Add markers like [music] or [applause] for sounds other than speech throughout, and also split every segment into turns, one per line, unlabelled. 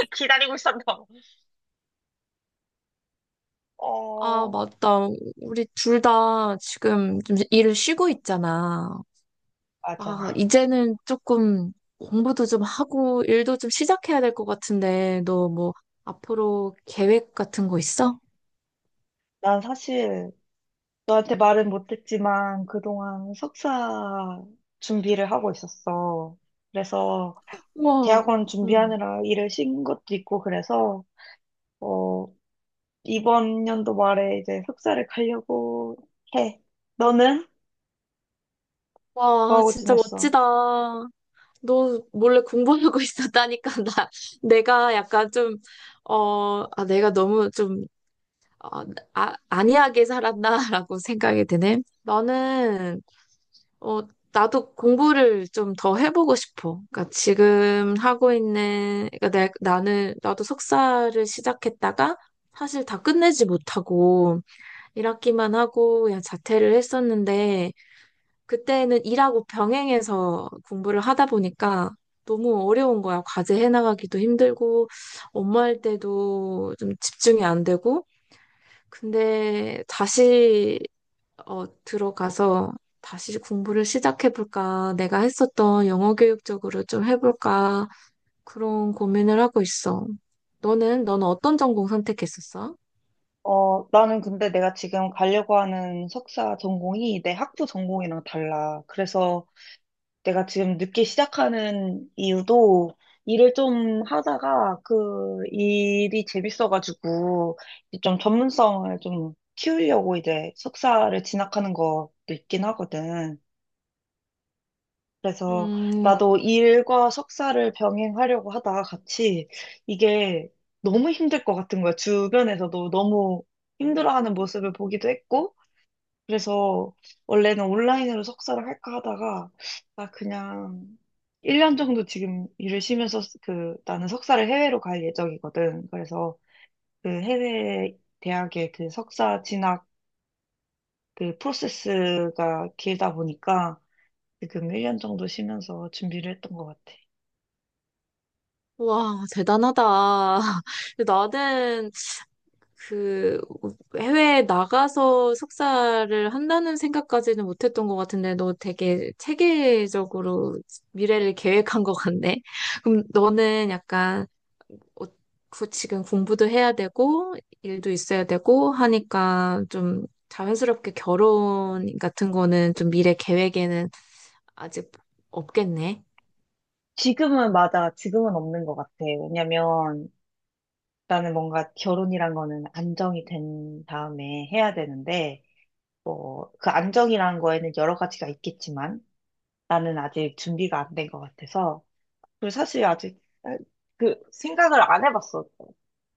[laughs] 기다리고 있었나?
아,
어,
맞다. 우리 둘 다 지금 좀 일을 쉬고 있잖아.
맞아.
이제는 조금 공부도 좀 하고 일도 좀 시작해야 될 것 같은데, 너 뭐 앞으로 계획 같은 거 있어?
난 사실 너한테 말은 못했지만 그동안 석사 준비를 하고 있었어. 그래서
우와,
대학원
응.
준비하느라 일을 쉰 것도 있고 그래서 어, 이번 연도 말에 이제 석사를 가려고 해. 너는
와,
뭐하고
진짜
지냈어?
멋지다. 너 몰래 공부하고 [laughs] 있었다니까, 내가 약간 좀, 내가 너무 좀, 어, 안이하게 살았나라고 생각이 드네. 어, 나도 공부를 좀 더 해보고 싶어. 그러니까 지금 하고 있는, 그러니까 나도 석사를 시작했다가 사실 다 끝내지 못하고 일학기만 하고 그냥 자퇴를 했었는데, 그때는 일하고 병행해서 공부를 하다 보니까 너무 어려운 거야. 과제 해나가기도 힘들고 업무할 때도 좀 집중이 안 되고. 근데 다시 들어가서 다시 공부를 시작해볼까? 내가 했었던 영어 교육 쪽으로 좀 해볼까? 그런 고민을 하고 있어. 너는 어떤 전공 선택했었어?
나는 근데 내가 지금 가려고 하는 석사 전공이 내 학부 전공이랑 달라. 그래서 내가 지금 늦게 시작하는 이유도 일을 좀 하다가 그 일이 재밌어가지고 이제 좀 전문성을 좀 키우려고 이제 석사를 진학하는 것도 있긴 하거든. 그래서
음,
나도 일과 석사를 병행하려고 하다가 같이 이게 너무 힘들 것 같은 거야. 주변에서도 너무 힘들어하는 모습을 보기도 했고 그래서 원래는 온라인으로 석사를 할까 하다가 나 그냥 1년 정도 지금 일을 쉬면서 그 나는 석사를 해외로 갈 예정이거든. 그래서 그 해외 대학의 그 석사 진학 그 프로세스가 길다 보니까 지금 1년 정도 쉬면서 준비를 했던 것 같아.
와, 대단하다. [laughs] 나는 그 해외에 나가서 석사를 한다는 생각까지는 못했던 것 같은데, 너 되게 체계적으로 미래를 계획한 것 같네. 그럼 너는 약간 어, 그 지금 공부도 해야 되고, 일도 있어야 되고 하니까 좀 자연스럽게 결혼 같은 거는 좀 미래 계획에는 아직 없겠네.
지금은 맞아. 지금은 없는 것 같아. 왜냐면 나는 뭔가 결혼이란 거는 안정이 된 다음에 해야 되는데 뭐, 그 안정이라는 거에는 여러 가지가 있겠지만, 나는 아직 준비가 안 된 것 같아서. 그리고 사실 아직, 생각을 안 해봤어.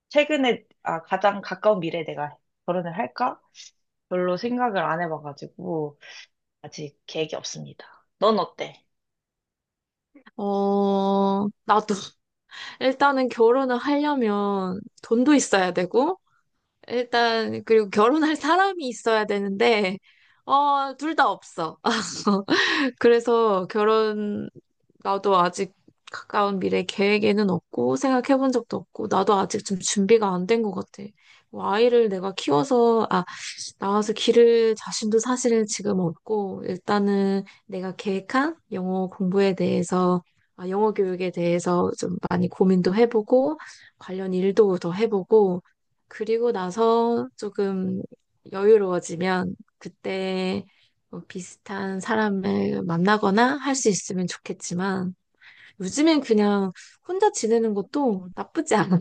최근에, 가장 가까운 미래에 내가 결혼을 할까? 별로 생각을 안 해봐가지고, 아직 계획이 없습니다. 넌 어때?
어, 나도 [laughs] 일단은 결혼을 하려면 돈도 있어야 되고, 일단, 그리고 결혼할 사람이 있어야 되는데, 어, 둘 다 없어. [laughs] 그래서 결혼, 나도 아직 가까운 미래 계획에는 없고 생각해 본 적도 없고 나도 아직 좀 준비가 안 된 것 같아. 뭐 아이를 내가 키워서 아 나와서 기를 자신도 사실은 지금 없고, 일단은 내가 계획한 영어 공부에 대해서, 아, 영어 교육에 대해서 좀 많이 고민도 해보고 관련 일도 더 해보고 그리고 나서 조금 여유로워지면 그때 뭐 비슷한 사람을 만나거나 할 수 있으면 좋겠지만 요즘엔 그냥 혼자 지내는 것도 나쁘지 않아.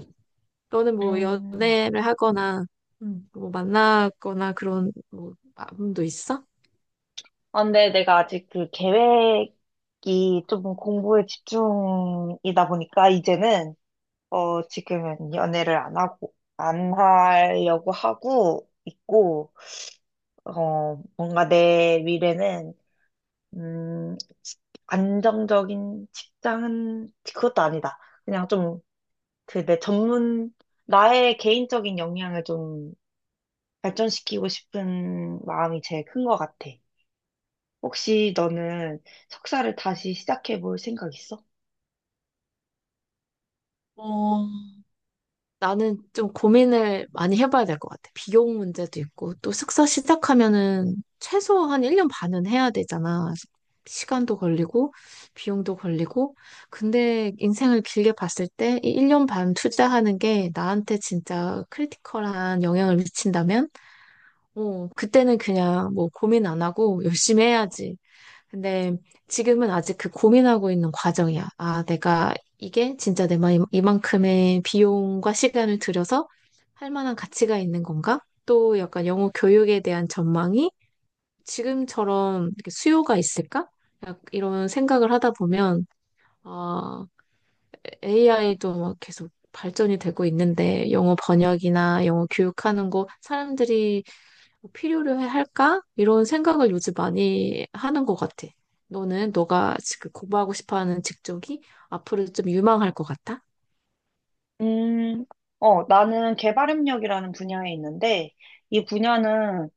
너는 뭐
음,
연애를 하거나 음, 뭐 만나거나 그런 뭐 마음도 있어?
근데 내가 아직 그 계획이 좀 공부에 집중이다 보니까, 이제는, 지금은 연애를 안 하고, 안 하려고 하고 있고, 뭔가 내 미래는, 음, 안정적인 직장은 그것도 아니다. 그냥 좀, 그 내 전문, 나의 개인적인 역량을 좀 발전시키고 싶은 마음이 제일 큰 것 같아. 혹시 너는 석사를 다시 시작해 볼 생각 있어?
어, 나는 좀 고민을 많이 해봐야 될 것 같아. 비용 문제도 있고, 또 숙사 시작하면은 최소 한 1년 반은 해야 되잖아. 시간도 걸리고, 비용도 걸리고. 근데 인생을 길게 봤을 때 이 1년 반 투자하는 게 나한테 진짜 크리티컬한 영향을 미친다면, 어, 그때는 그냥 뭐 고민 안 하고 열심히 해야지. 근데 지금은 아직 그 고민하고 있는 과정이야. 아, 내가 이게 진짜 내 마음 이만큼의 비용과 시간을 들여서 할 만한 가치가 있는 건가? 또 약간 영어 교육에 대한 전망이 지금처럼 이렇게 수요가 있을까? 약 이런 생각을 하다 보면 아, AI도 막 계속 발전이 되고 있는데 영어 번역이나 영어 교육하는 거 사람들이 필요로 해 할까? 이런 생각을 요즘 많이 하는 것 같아. 너는 너가 지금 공부하고 싶어 하는 직종이 앞으로 좀 유망할 것 같아?
음, 나는 개발협력이라는 분야에 있는데, 이 분야는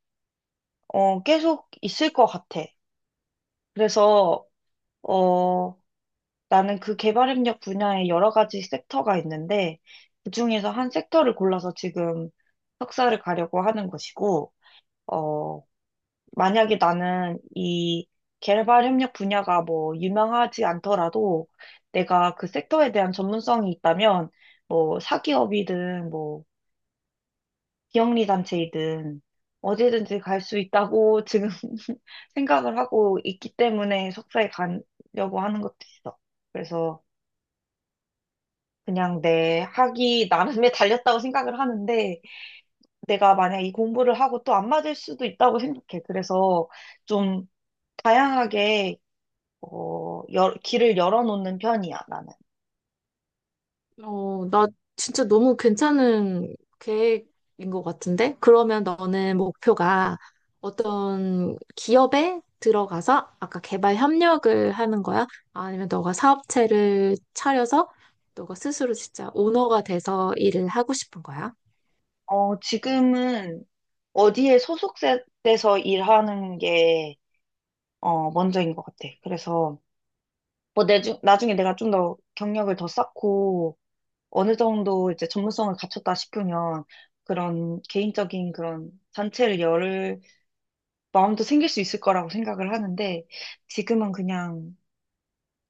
계속 있을 것 같아. 그래서, 어, 나는 그 개발 협력 분야에 여러 가지 섹터가 있는데, 그 중에서 한 섹터를 골라서 지금 석사를 가려고 하는 것이고, 어, 만약에 나는 이 개발 협력 분야가 뭐 유명하지 않더라도 내가 그 섹터에 대한 전문성이 있다면, 뭐 사기업이든 뭐 비영리 단체이든 어디든지 갈 수 있다고 지금 [laughs] 생각을 하고 있기 때문에 석사에 가려고 하는 것도 있어. 그래서 그냥 내 학이 나름에 달렸다고 생각을 하는데 내가 만약 이 공부를 하고 또 안 맞을 수도 있다고 생각해. 그래서 좀 다양하게 길을 열어놓는 편이야, 나는.
나 진짜 너무 괜찮은 계획인 것 같은데? 그러면 너는 목표가 어떤 기업에 들어가서 아까 개발 협력을 하는 거야? 아니면 너가 사업체를 차려서 너가 스스로 진짜 오너가 돼서 일을 하고 싶은 거야?
지금은 어디에 소속돼서 일하는 게 먼저인 것 같아. 그래서 뭐 나중에 내가 좀 더 경력을 더 쌓고 어느 정도 이제 전문성을 갖췄다 싶으면 그런 개인적인 그런 단체를 열 마음도 생길 수 있을 거라고 생각을 하는데 지금은 그냥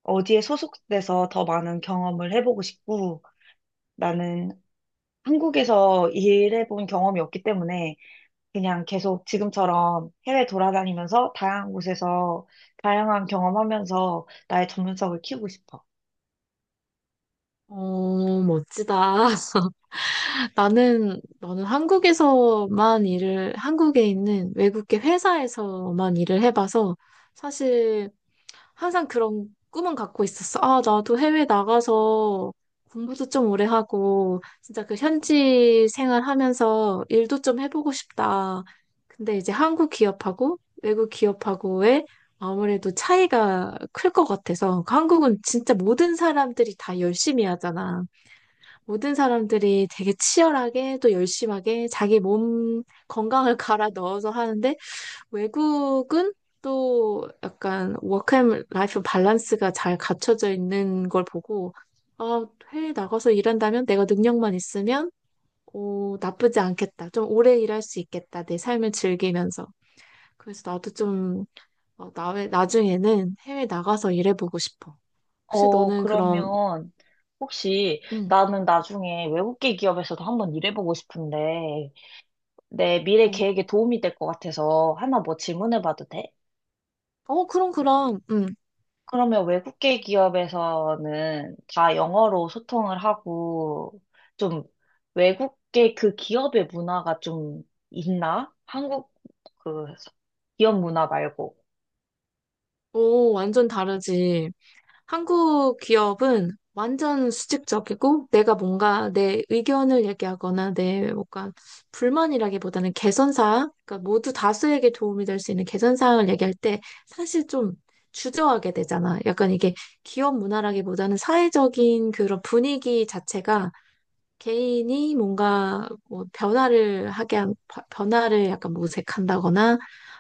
어디에 소속돼서 더 많은 경험을 해보고 싶고 나는 한국에서 일해본 경험이 없기 때문에 그냥 계속 지금처럼 해외 돌아다니면서 다양한 곳에서 다양한 경험하면서 나의 전문성을 키우고 싶어.
어, 멋지다. [laughs] 나는 한국에서만 한국에 있는 외국계 회사에서만 일을 해봐서 사실 항상 그런 꿈은 갖고 있었어. 아, 나도 해외 나가서 공부도 좀 오래 하고, 진짜 그 현지 생활하면서 일도 좀 해보고 싶다. 근데 이제 한국 기업하고 외국 기업하고의 아무래도 차이가 클 것 같아서. 그 한국은 진짜 모든 사람들이 다 열심히 하잖아. 모든 사람들이 되게 치열하게 또 열심하게 자기 몸 건강을 [laughs] 갈아 넣어서 하는데, 외국은 또 약간 워크앤 라이프 밸런스가 잘 갖춰져 있는 걸 보고, 아, 해외 나가서 일한다면 내가 능력만 있으면, 오, 나쁘지 않겠다. 좀 오래 일할 수 있겠다. 내 삶을 즐기면서. 그래서 나도 좀, 나중에는 해외 나가서 일해보고 싶어. 혹시 너는 그럼,
그러면 혹시
음,
나는 나중에 외국계 기업에서도 한번 일해보고 싶은데 내 미래
어,
계획에 도움이 될 것 같아서 하나 뭐 질문해봐도 돼?
어, 그럼, 그럼,
그러면 외국계 기업에서는 다 영어로 소통을 하고 좀 외국계 그 기업의 문화가 좀 있나? 한국 그 기업 문화 말고.
오, 완전 다르지. 한국 기업은 완전 수직적이고 내가 뭔가 내 의견을 얘기하거나 내 뭔가 불만이라기보다는 개선사항, 그러니까 모두 다수에게 도움이 될 수 있는 개선사항을 얘기할 때 사실 좀 주저하게 되잖아. 약간 이게 기업 문화라기보다는 사회적인 그런 분위기 자체가 개인이 뭔가 뭐 변화를 하게 한, 바- 변화를 약간 모색한다거나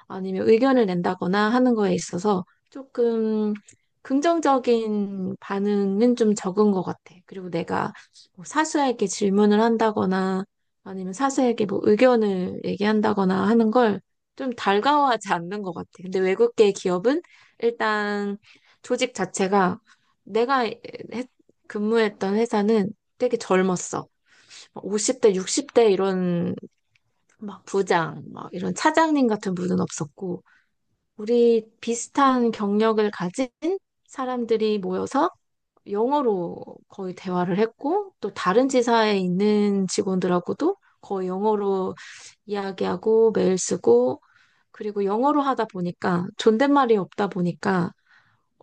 아니면 의견을 낸다거나 하는 거에 있어서 조금 긍정적인 반응은 좀 적은 것 같아. 그리고 내가 뭐 사수에게 질문을 한다거나 아니면 사수에게 뭐 의견을 얘기한다거나 하는 걸 좀 달가워하지 않는 것 같아. 근데 외국계 기업은 일단 조직 자체가 내가 했- 근무했던 회사는 되게 젊었어. 50대, 60대 이런 막 부장, 막 이런 차장님 같은 분은 없었고, 우리 비슷한 경력을 가진 사람들이 모여서 영어로 거의 대화를 했고, 또 다른 지사에 있는 직원들하고도 거의 영어로 이야기하고 메일 쓰고, 그리고 영어로 하다 보니까 존댓말이 없다 보니까,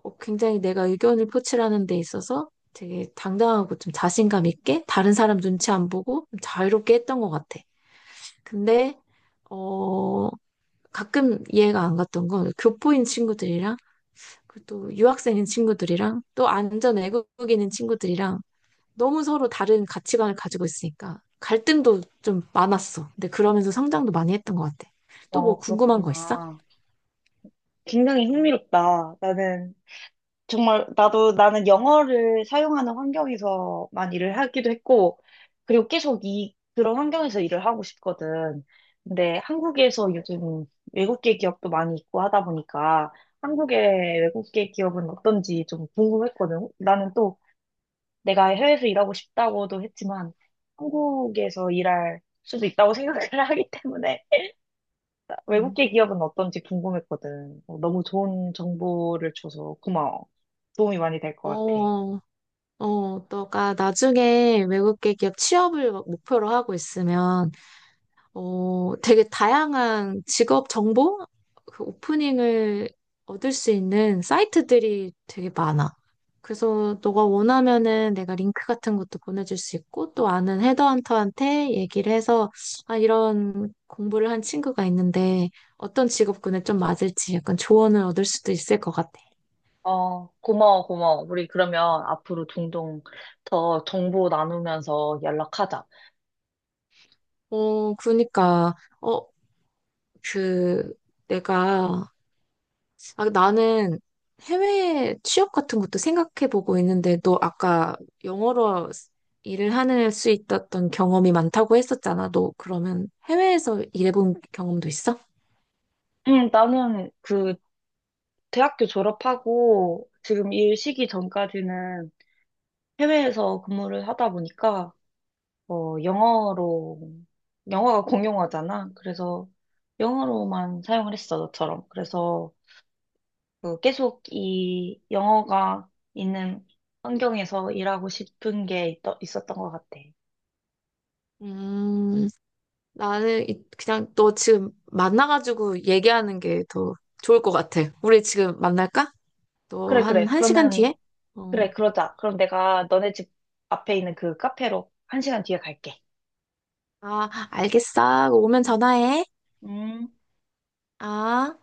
어, 굉장히 내가 의견을 표출하는 데 있어서 되게 당당하고 좀 자신감 있게 다른 사람 눈치 안 보고 좀 자유롭게 했던 것 같아. 근데 어 가끔 이해가 안 갔던 건 교포인 친구들이랑 그리고 또 유학생인 친구들이랑 또 안전 외국인인 친구들이랑 너무 서로 다른 가치관을 가지고 있으니까 갈등도 좀 많았어. 근데 그러면서 성장도 많이 했던 것 같아. 또 뭐
어,
궁금한 거 있어?
그렇구나. 굉장히 흥미롭다. 나는 정말 나도 나는 영어를 사용하는 환경에서만 일을 하기도 했고, 그리고 계속 이 그런 환경에서 일을 하고 싶거든. 근데 한국에서 요즘 외국계 기업도 많이 있고 하다 보니까 한국의 외국계 기업은 어떤지 좀 궁금했거든. 나는 또 내가 해외에서 일하고 싶다고도 했지만 한국에서 일할 수도 있다고 생각을 [laughs] 하기 때문에
음.
외국계 기업은 어떤지 궁금했거든. 너무 좋은 정보를 줘서 고마워. 도움이 많이 될 것 같아.
어, 어, 너가 나중에 외국계 기업 취업을 목표로 하고 있으면, 어, 되게 다양한 직업 정보? 그 오프닝을 얻을 수 있는 사이트들이 되게 많아. 그래서 너가 원하면은 내가 링크 같은 것도 보내줄 수 있고, 또 아는 헤드헌터한테 얘기를 해서, 아, 이런 공부를 한 친구가 있는데, 어떤 직업군에 좀 맞을지 약간 조언을 얻을 수도 있을 것 같아.
고마워, 고마워. 우리 그러면 앞으로 종종 더 정보 나누면서 연락하자.
어, 그러니까, 어, 그, 내가 아, 나는 해외 취업 같은 것도 생각해 보고 있는데, 너 아까 영어로 일을 하는 수 있었던 경험이 많다고 했었잖아. 너 그러면 해외에서 일해본 경험도 있어?
응, 나는 그 대학교 졸업하고 지금 일 시기 전까지는 해외에서 근무를 하다 보니까, 영어로, 영어가 공용어잖아. 그래서 영어로만 사용을 했어, 너처럼. 그래서 그 계속 이 영어가 있는 환경에서 일하고 싶은 게 있었던 것 같아.
음, 나는 그냥 너 지금 만나가지고 얘기하는 게 더 좋을 것 같아. 우리 지금 만날까? 너
그래, 그래.
한 시간
그러면
뒤에?
그래,
어,
그러자. 그럼 내가 너네 집 앞에 있는 그 카페로 한 시간 뒤에 갈게.
아, 알겠어. 오면 전화해.
음.
아.